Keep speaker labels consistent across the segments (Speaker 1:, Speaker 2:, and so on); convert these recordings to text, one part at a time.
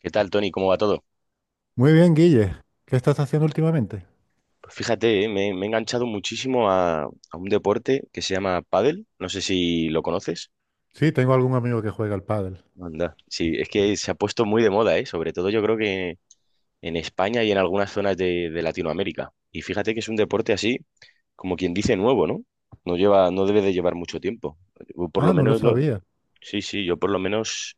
Speaker 1: ¿Qué tal, Tony? ¿Cómo va todo?
Speaker 2: Muy bien, Guille. ¿Qué estás haciendo últimamente?
Speaker 1: Pues fíjate, me he enganchado muchísimo a un deporte que se llama pádel. No sé si lo conoces.
Speaker 2: Sí, tengo algún amigo que juega al pádel.
Speaker 1: Anda. Sí, es que se ha puesto muy de moda, ¿eh? Sobre todo yo creo que en España y en algunas zonas de Latinoamérica. Y fíjate que es un deporte así, como quien dice, nuevo, ¿no? No lleva, no debe de llevar mucho tiempo. Yo por lo
Speaker 2: Ah, no lo
Speaker 1: menos lo-
Speaker 2: sabía.
Speaker 1: Sí, sí, yo por lo menos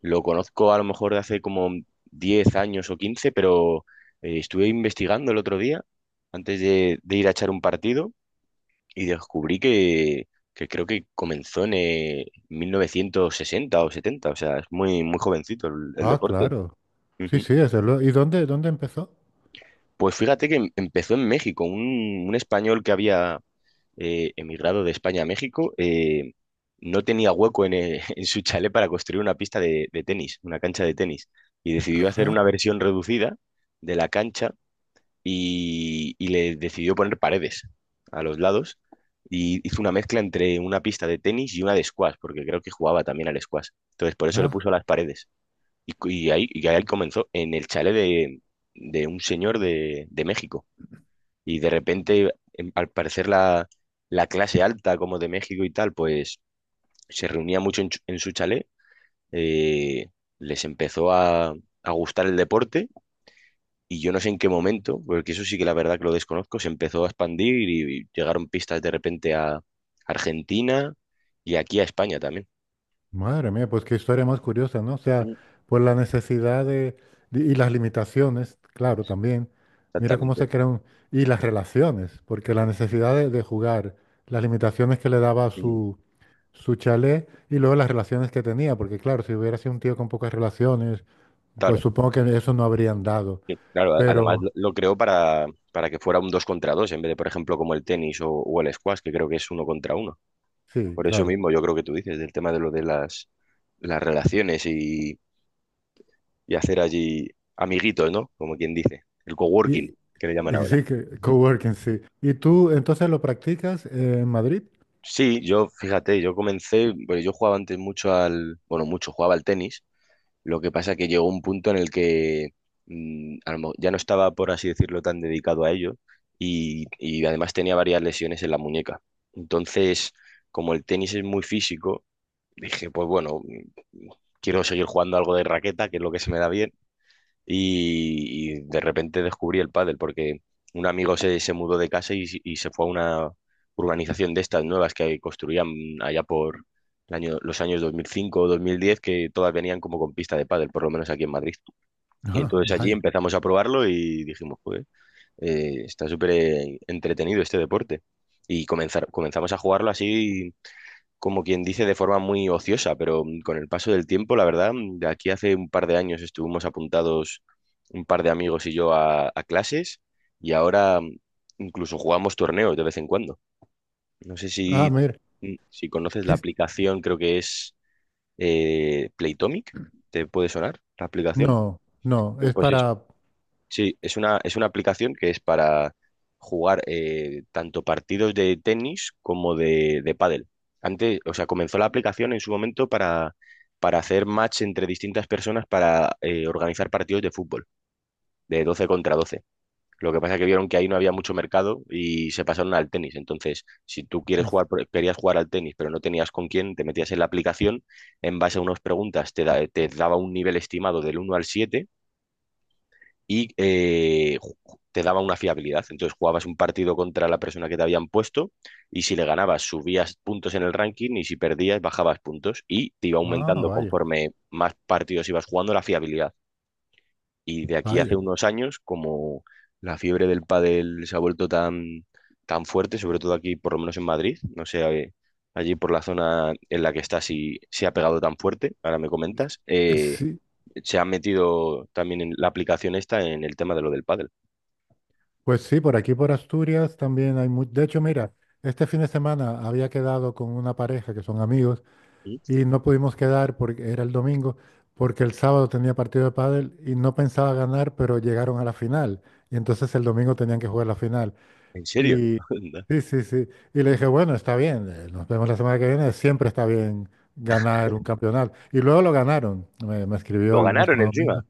Speaker 1: lo conozco a lo mejor de hace como 10 años o 15, pero estuve investigando el otro día, antes de ir a echar un partido, y descubrí que creo que comenzó en 1960 o 70. O sea, es muy, muy jovencito el
Speaker 2: Ah,
Speaker 1: deporte.
Speaker 2: claro. Sí,
Speaker 1: Ujú.
Speaker 2: sí, desde luego. ¿Y dónde empezó?
Speaker 1: Pues fíjate que empezó en México. Un español que había emigrado de España a México no tenía hueco en, en su chalet para construir una pista de tenis, una cancha de tenis, y decidió hacer
Speaker 2: Ajá.
Speaker 1: una versión reducida de la cancha y le decidió poner paredes a los lados, y hizo una mezcla entre una pista de tenis y una de squash, porque creo que jugaba también al squash. Entonces, por eso le
Speaker 2: Ah.
Speaker 1: puso las paredes. Y ahí comenzó, en el chalet de, de un señor de México. Y de repente, al parecer, la clase alta, como de México y tal, pues se reunía mucho en su chalet, eh, les empezó a gustar el deporte y yo no sé en qué momento, porque eso sí que la verdad que lo desconozco, se empezó a expandir y llegaron pistas de repente a Argentina y aquí a España también.
Speaker 2: Madre mía, pues qué historia más curiosa, ¿no? O sea,
Speaker 1: Mm.
Speaker 2: por la necesidad de y las limitaciones, claro, también. Mira cómo
Speaker 1: Exactamente.
Speaker 2: se crean, y las relaciones, porque la necesidad de jugar, las limitaciones que le daba
Speaker 1: Mm.
Speaker 2: su, su chalet y luego las relaciones que tenía, porque claro, si hubiera sido un tío con pocas relaciones, pues
Speaker 1: Claro,
Speaker 2: supongo que eso no habrían dado.
Speaker 1: sí, claro. Además lo,
Speaker 2: Pero
Speaker 1: lo creó para, que fuera un dos contra dos en vez de, por ejemplo, como el tenis o el squash, que creo que es uno contra uno.
Speaker 2: sí,
Speaker 1: Por eso
Speaker 2: claro.
Speaker 1: mismo, yo creo que tú dices, del tema de lo de las relaciones y hacer allí amiguitos, ¿no? Como quien dice, el
Speaker 2: Y,
Speaker 1: coworking, que le llaman
Speaker 2: y
Speaker 1: ahora.
Speaker 2: sí, que coworking, sí. ¿Y tú entonces lo practicas en Madrid?
Speaker 1: Sí, yo, fíjate, yo comencé, bueno, yo jugaba antes mucho al, bueno, mucho, jugaba al tenis, lo que pasa que llegó un punto en el que ya no estaba, por así decirlo, tan dedicado a ello y además tenía varias lesiones en la muñeca. Entonces, como el tenis es muy físico, dije, pues bueno, quiero seguir jugando algo de raqueta, que es lo que se me da bien y de repente descubrí el pádel porque un amigo se mudó de casa y se fue a una urbanización de estas nuevas que construían allá por el año, los años 2005 o 2010, que todas venían como con pista de pádel, por lo menos aquí en Madrid. Y
Speaker 2: Ah,
Speaker 1: entonces allí
Speaker 2: vaya.
Speaker 1: empezamos a probarlo y dijimos, joder, está súper entretenido este deporte. Y comenzamos a jugarlo así como quien dice, de forma muy ociosa, pero con el paso del tiempo, la verdad, de aquí hace un par de años estuvimos apuntados un par de amigos y yo a clases y ahora incluso jugamos torneos de vez en cuando. No sé
Speaker 2: Ah,
Speaker 1: si,
Speaker 2: mira.
Speaker 1: si conoces la
Speaker 2: Sí.
Speaker 1: aplicación, creo que es Playtomic. ¿Te puede sonar la aplicación?
Speaker 2: No, no, es
Speaker 1: Pues es
Speaker 2: para...
Speaker 1: Sí, es una aplicación que es para jugar tanto partidos de tenis como de pádel. Antes, o sea, comenzó la aplicación en su momento para hacer match entre distintas personas para organizar partidos de fútbol, de 12 contra 12. Lo que pasa es que vieron que ahí no había mucho mercado y se pasaron al tenis. Entonces, si tú quieres jugar, querías jugar al tenis, pero no tenías con quién, te metías en la aplicación, en base a unas preguntas te daba un nivel estimado del uno al 7 y te daba una fiabilidad. Entonces jugabas un partido contra la persona que te habían puesto y si le ganabas subías puntos en el ranking y si perdías bajabas puntos y te iba
Speaker 2: Ah,
Speaker 1: aumentando
Speaker 2: vaya,
Speaker 1: conforme más partidos ibas jugando la fiabilidad. Y de aquí hace
Speaker 2: vaya.
Speaker 1: unos años, como la fiebre del pádel se ha vuelto tan, tan fuerte, sobre todo aquí, por lo menos en Madrid, no sé, allí por la zona en la que estás si se ha pegado tan fuerte, ahora me comentas,
Speaker 2: Sí,
Speaker 1: se ha metido también en la aplicación esta en el tema de lo del pádel.
Speaker 2: pues sí, por aquí por Asturias también hay mucho... De hecho, mira, este fin de semana había quedado con una pareja que son amigos
Speaker 1: ¿Sí?
Speaker 2: y no pudimos quedar porque era el domingo, porque el sábado tenía partido de pádel y no pensaba ganar, pero llegaron a la final. Y entonces el domingo tenían que jugar la final.
Speaker 1: ¿En serio? Onda.
Speaker 2: Sí, sí, sí. Y le dije, bueno, está bien, nos vemos la semana que viene, siempre está bien ganar un campeonato. Y luego lo ganaron, me escribió
Speaker 1: Lo
Speaker 2: el
Speaker 1: ganaron
Speaker 2: mismo domingo.
Speaker 1: encima.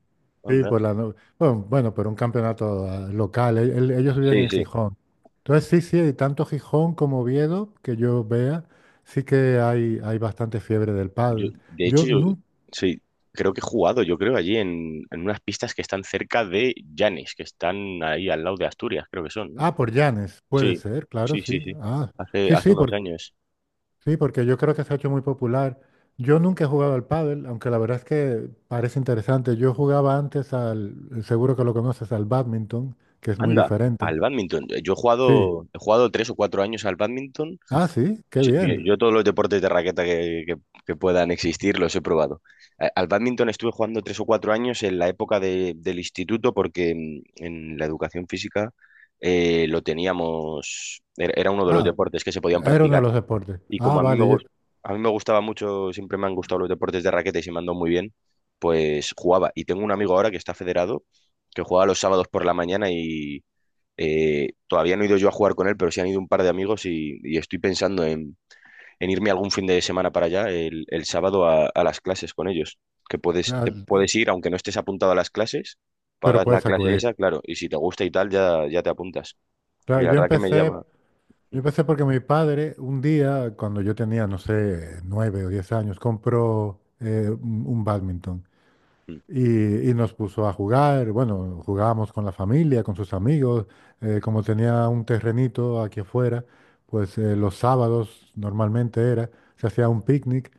Speaker 2: Sí,
Speaker 1: Onda.
Speaker 2: por la no- Bueno, bueno, por un campeonato local, ellos viven
Speaker 1: Sí,
Speaker 2: en
Speaker 1: sí.
Speaker 2: Gijón. Entonces, sí, sí, tanto Gijón como Oviedo, que yo vea, sí que hay bastante fiebre del
Speaker 1: Yo,
Speaker 2: pádel.
Speaker 1: de hecho,
Speaker 2: Yo
Speaker 1: yo
Speaker 2: no...
Speaker 1: sí, creo que he jugado, yo creo, allí en unas pistas que están cerca de Llanes, que están ahí al lado de Asturias, creo que son, ¿no?
Speaker 2: Ah, por Llanes, puede
Speaker 1: Sí,
Speaker 2: ser, claro,
Speaker 1: sí, sí,
Speaker 2: sí.
Speaker 1: sí.
Speaker 2: Ah,
Speaker 1: Hace,
Speaker 2: sí,
Speaker 1: hace
Speaker 2: sí.
Speaker 1: unos años.
Speaker 2: Sí, porque yo creo que se ha hecho muy popular. Yo nunca he jugado al pádel, aunque la verdad es que parece interesante. Yo jugaba antes al, seguro que lo conoces, al bádminton, que es muy
Speaker 1: Anda,
Speaker 2: diferente.
Speaker 1: al bádminton. Yo he
Speaker 2: Sí.
Speaker 1: jugado, he jugado 3 o 4 años al bádminton.
Speaker 2: Ah, sí, qué
Speaker 1: Sí, bien,
Speaker 2: bien.
Speaker 1: yo todos los deportes de raqueta que puedan existir los he probado. Al bádminton estuve jugando 3 o 4 años en la época del instituto porque en la educación física lo teníamos, era uno de los
Speaker 2: Ah,
Speaker 1: deportes que se podían
Speaker 2: era uno de
Speaker 1: practicar.
Speaker 2: los deportes.
Speaker 1: Y
Speaker 2: Ah,
Speaker 1: como
Speaker 2: vale, yo,
Speaker 1: a mí me gustaba mucho, siempre me han gustado los deportes de raqueta y se me han dado muy bien, pues jugaba. Y tengo un amigo ahora que está federado, que juega los sábados por la mañana y todavía no he ido yo a jugar con él, pero sí han ido un par de amigos y estoy pensando en irme algún fin de semana para allá, el sábado a las clases con ellos. Que puedes,
Speaker 2: ah,
Speaker 1: te puedes ir, aunque no estés apuntado a las clases,
Speaker 2: pero
Speaker 1: pagas la
Speaker 2: puedes
Speaker 1: clase
Speaker 2: acudir.
Speaker 1: esa, claro, y si te gusta y tal, ya, ya te apuntas. Y
Speaker 2: Claro,
Speaker 1: la verdad que me llama.
Speaker 2: yo empecé porque mi padre un día, cuando yo tenía, no sé, nueve o diez años, compró un, badminton.
Speaker 1: Mm.
Speaker 2: Y nos puso a jugar, bueno, jugábamos con la familia, con sus amigos, como tenía un terrenito aquí afuera, pues los sábados normalmente era, se hacía un picnic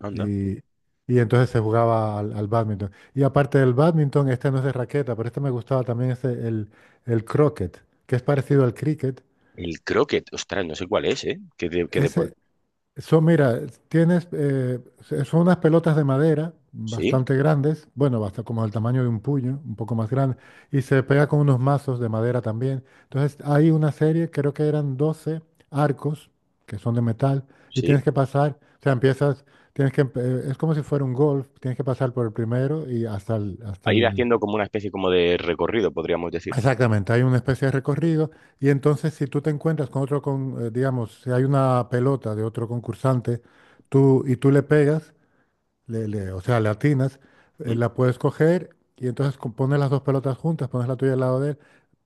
Speaker 1: Anda.
Speaker 2: y, y entonces se jugaba al, al bádminton. Y aparte del bádminton, este no es de raqueta, pero este me gustaba también, es el croquet, que es parecido al cricket.
Speaker 1: El croquet, ostras, no sé cuál es, ¿eh? ¿Qué
Speaker 2: Ese,
Speaker 1: deporte?
Speaker 2: son, mira, tienes, son unas pelotas de madera
Speaker 1: Sí,
Speaker 2: bastante grandes, bueno, basta como del tamaño de un puño, un poco más grande, y se pega con unos mazos de madera también. Entonces, hay una serie, creo que eran 12 arcos que son de metal, y tienes
Speaker 1: sí.
Speaker 2: que pasar, o sea, empiezas, tienes que, es como si fuera un golf, tienes que pasar por el primero y hasta el, hasta
Speaker 1: A ir
Speaker 2: el...
Speaker 1: haciendo como una especie como de recorrido, podríamos decir.
Speaker 2: Exactamente, hay una especie de recorrido y entonces si tú te encuentras con otro, con, digamos, si hay una pelota de otro concursante tú, y tú le pegas, o sea, le atinas,
Speaker 1: Mm.
Speaker 2: la puedes coger y entonces pones las dos pelotas juntas, pones la tuya al lado de él,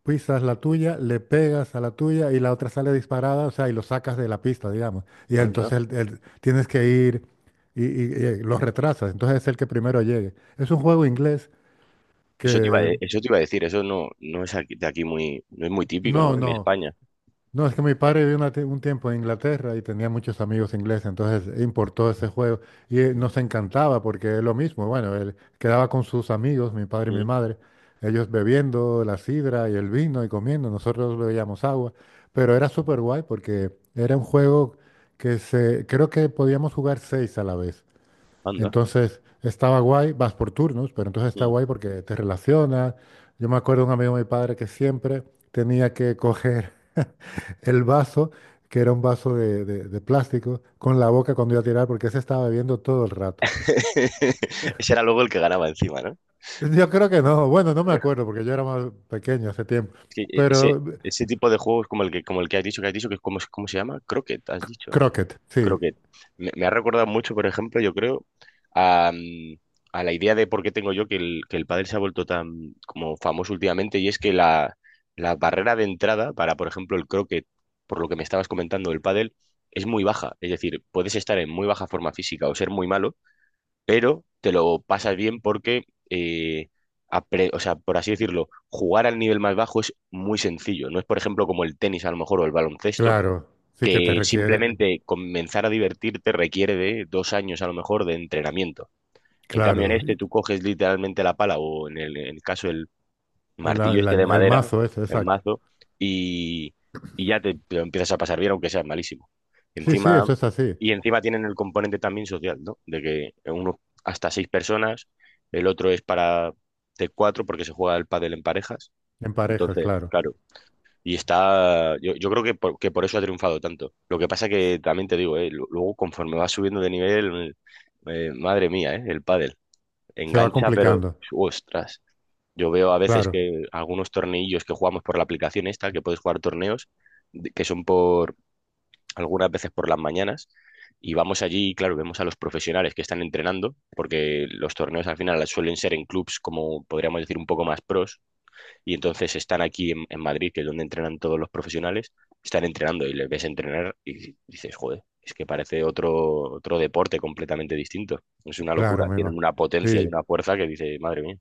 Speaker 2: pisas la tuya, le pegas a la tuya y la otra sale disparada, o sea, y lo sacas de la pista, digamos. Y entonces
Speaker 1: Anda.
Speaker 2: tienes que ir lo retrasas, entonces es el que primero llegue. Es un juego inglés
Speaker 1: Eso te iba, a
Speaker 2: que...
Speaker 1: de- eso te iba a decir, eso no, no es de aquí muy, no es muy típico,
Speaker 2: No,
Speaker 1: ¿no? En
Speaker 2: no.
Speaker 1: España.
Speaker 2: No, es que mi padre vivió un tiempo en Inglaterra y tenía muchos amigos ingleses, entonces importó ese juego y
Speaker 1: Mm.
Speaker 2: nos encantaba porque es lo mismo, bueno, él quedaba con sus amigos, mi padre y mi
Speaker 1: Mm.
Speaker 2: madre, ellos bebiendo la sidra y el vino y comiendo, nosotros bebíamos agua, pero era súper guay porque era un juego que se, creo que podíamos jugar seis a la vez,
Speaker 1: Anda.
Speaker 2: entonces estaba guay, vas por turnos, pero entonces está guay porque te relacionas, yo me acuerdo de un amigo de mi padre que siempre tenía que coger el vaso, que era un vaso de plástico, con la boca cuando iba a tirar, porque ese estaba bebiendo todo el rato.
Speaker 1: Ese era luego el que ganaba encima, ¿no?
Speaker 2: Yo creo que no, bueno, no me acuerdo, porque yo era más pequeño hace tiempo,
Speaker 1: Es que
Speaker 2: pero
Speaker 1: ese, ese tipo de juegos como el que has dicho, que has dicho, que es como, ¿cómo se llama? Croquet, has dicho.
Speaker 2: croquet, sí,
Speaker 1: Croquet. Me ha recordado mucho, por ejemplo, yo creo, a, mm, a la idea de por qué tengo yo que el, pádel se ha vuelto tan como famoso últimamente, y es que la barrera de entrada para, por ejemplo, el croquet, por lo que me estabas comentando del pádel, es muy baja. Es decir, puedes estar en muy baja forma física o ser muy malo, pero te lo pasas bien porque, eh, o sea, por así decirlo, jugar al nivel más bajo es muy sencillo. No es, por ejemplo, como el tenis a lo mejor o el baloncesto,
Speaker 2: claro, sí que te
Speaker 1: que
Speaker 2: requiere,
Speaker 1: simplemente comenzar a divertirte requiere de 2 años a lo mejor de entrenamiento. En cambio, en
Speaker 2: claro,
Speaker 1: este
Speaker 2: y
Speaker 1: tú coges literalmente la pala o en el caso martillo este de
Speaker 2: el
Speaker 1: madera,
Speaker 2: mazo ese,
Speaker 1: el
Speaker 2: exacto.
Speaker 1: mazo, y, y ya te lo empiezas a pasar bien, aunque seas malísimo.
Speaker 2: Sí, sí,
Speaker 1: Encima,
Speaker 2: eso es así,
Speaker 1: y encima tienen el componente también social, ¿no? De que uno hasta seis personas, el otro es para de cuatro porque se juega el pádel en parejas.
Speaker 2: en parejas,
Speaker 1: Entonces,
Speaker 2: claro.
Speaker 1: claro, y está, yo creo que que por eso ha triunfado tanto. Lo que pasa que también te digo, ¿eh? Luego conforme vas subiendo de nivel, madre mía, ¿eh? El pádel
Speaker 2: Se va
Speaker 1: engancha, pero
Speaker 2: complicando,
Speaker 1: ostras. Yo veo a veces
Speaker 2: claro,
Speaker 1: que algunos torneillos que jugamos por la aplicación esta, que puedes jugar torneos, que son por algunas veces por las mañanas, y vamos allí y claro, vemos a los profesionales que están entrenando, porque los torneos al final suelen ser en clubs como podríamos decir un poco más pros, y entonces están aquí en Madrid, que es donde entrenan todos los profesionales, están entrenando y les ves entrenar y dices, joder, es que parece otro, deporte completamente distinto. Es una
Speaker 2: claro,
Speaker 1: locura, tienen
Speaker 2: mima.
Speaker 1: una potencia y
Speaker 2: Sí.
Speaker 1: una fuerza que dice, madre mía.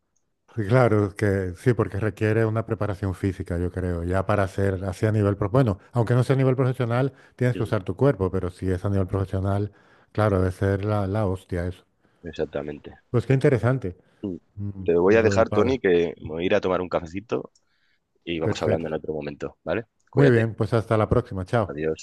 Speaker 2: Sí, claro, que sí, porque requiere una preparación física, yo creo, ya para hacer así a nivel, bueno, aunque no sea a nivel profesional, tienes que
Speaker 1: Sí,
Speaker 2: usar tu cuerpo, pero si es a nivel profesional, claro, debe ser la, la hostia eso.
Speaker 1: exactamente.
Speaker 2: Pues qué interesante,
Speaker 1: Mm. Te
Speaker 2: mm,
Speaker 1: voy a
Speaker 2: lo del
Speaker 1: dejar,
Speaker 2: padre.
Speaker 1: Tony, que me voy a ir a tomar un cafecito y vamos hablando en
Speaker 2: Perfecto.
Speaker 1: otro momento, ¿vale?
Speaker 2: Muy
Speaker 1: Cuídate.
Speaker 2: bien, pues hasta la próxima, chao.
Speaker 1: Adiós.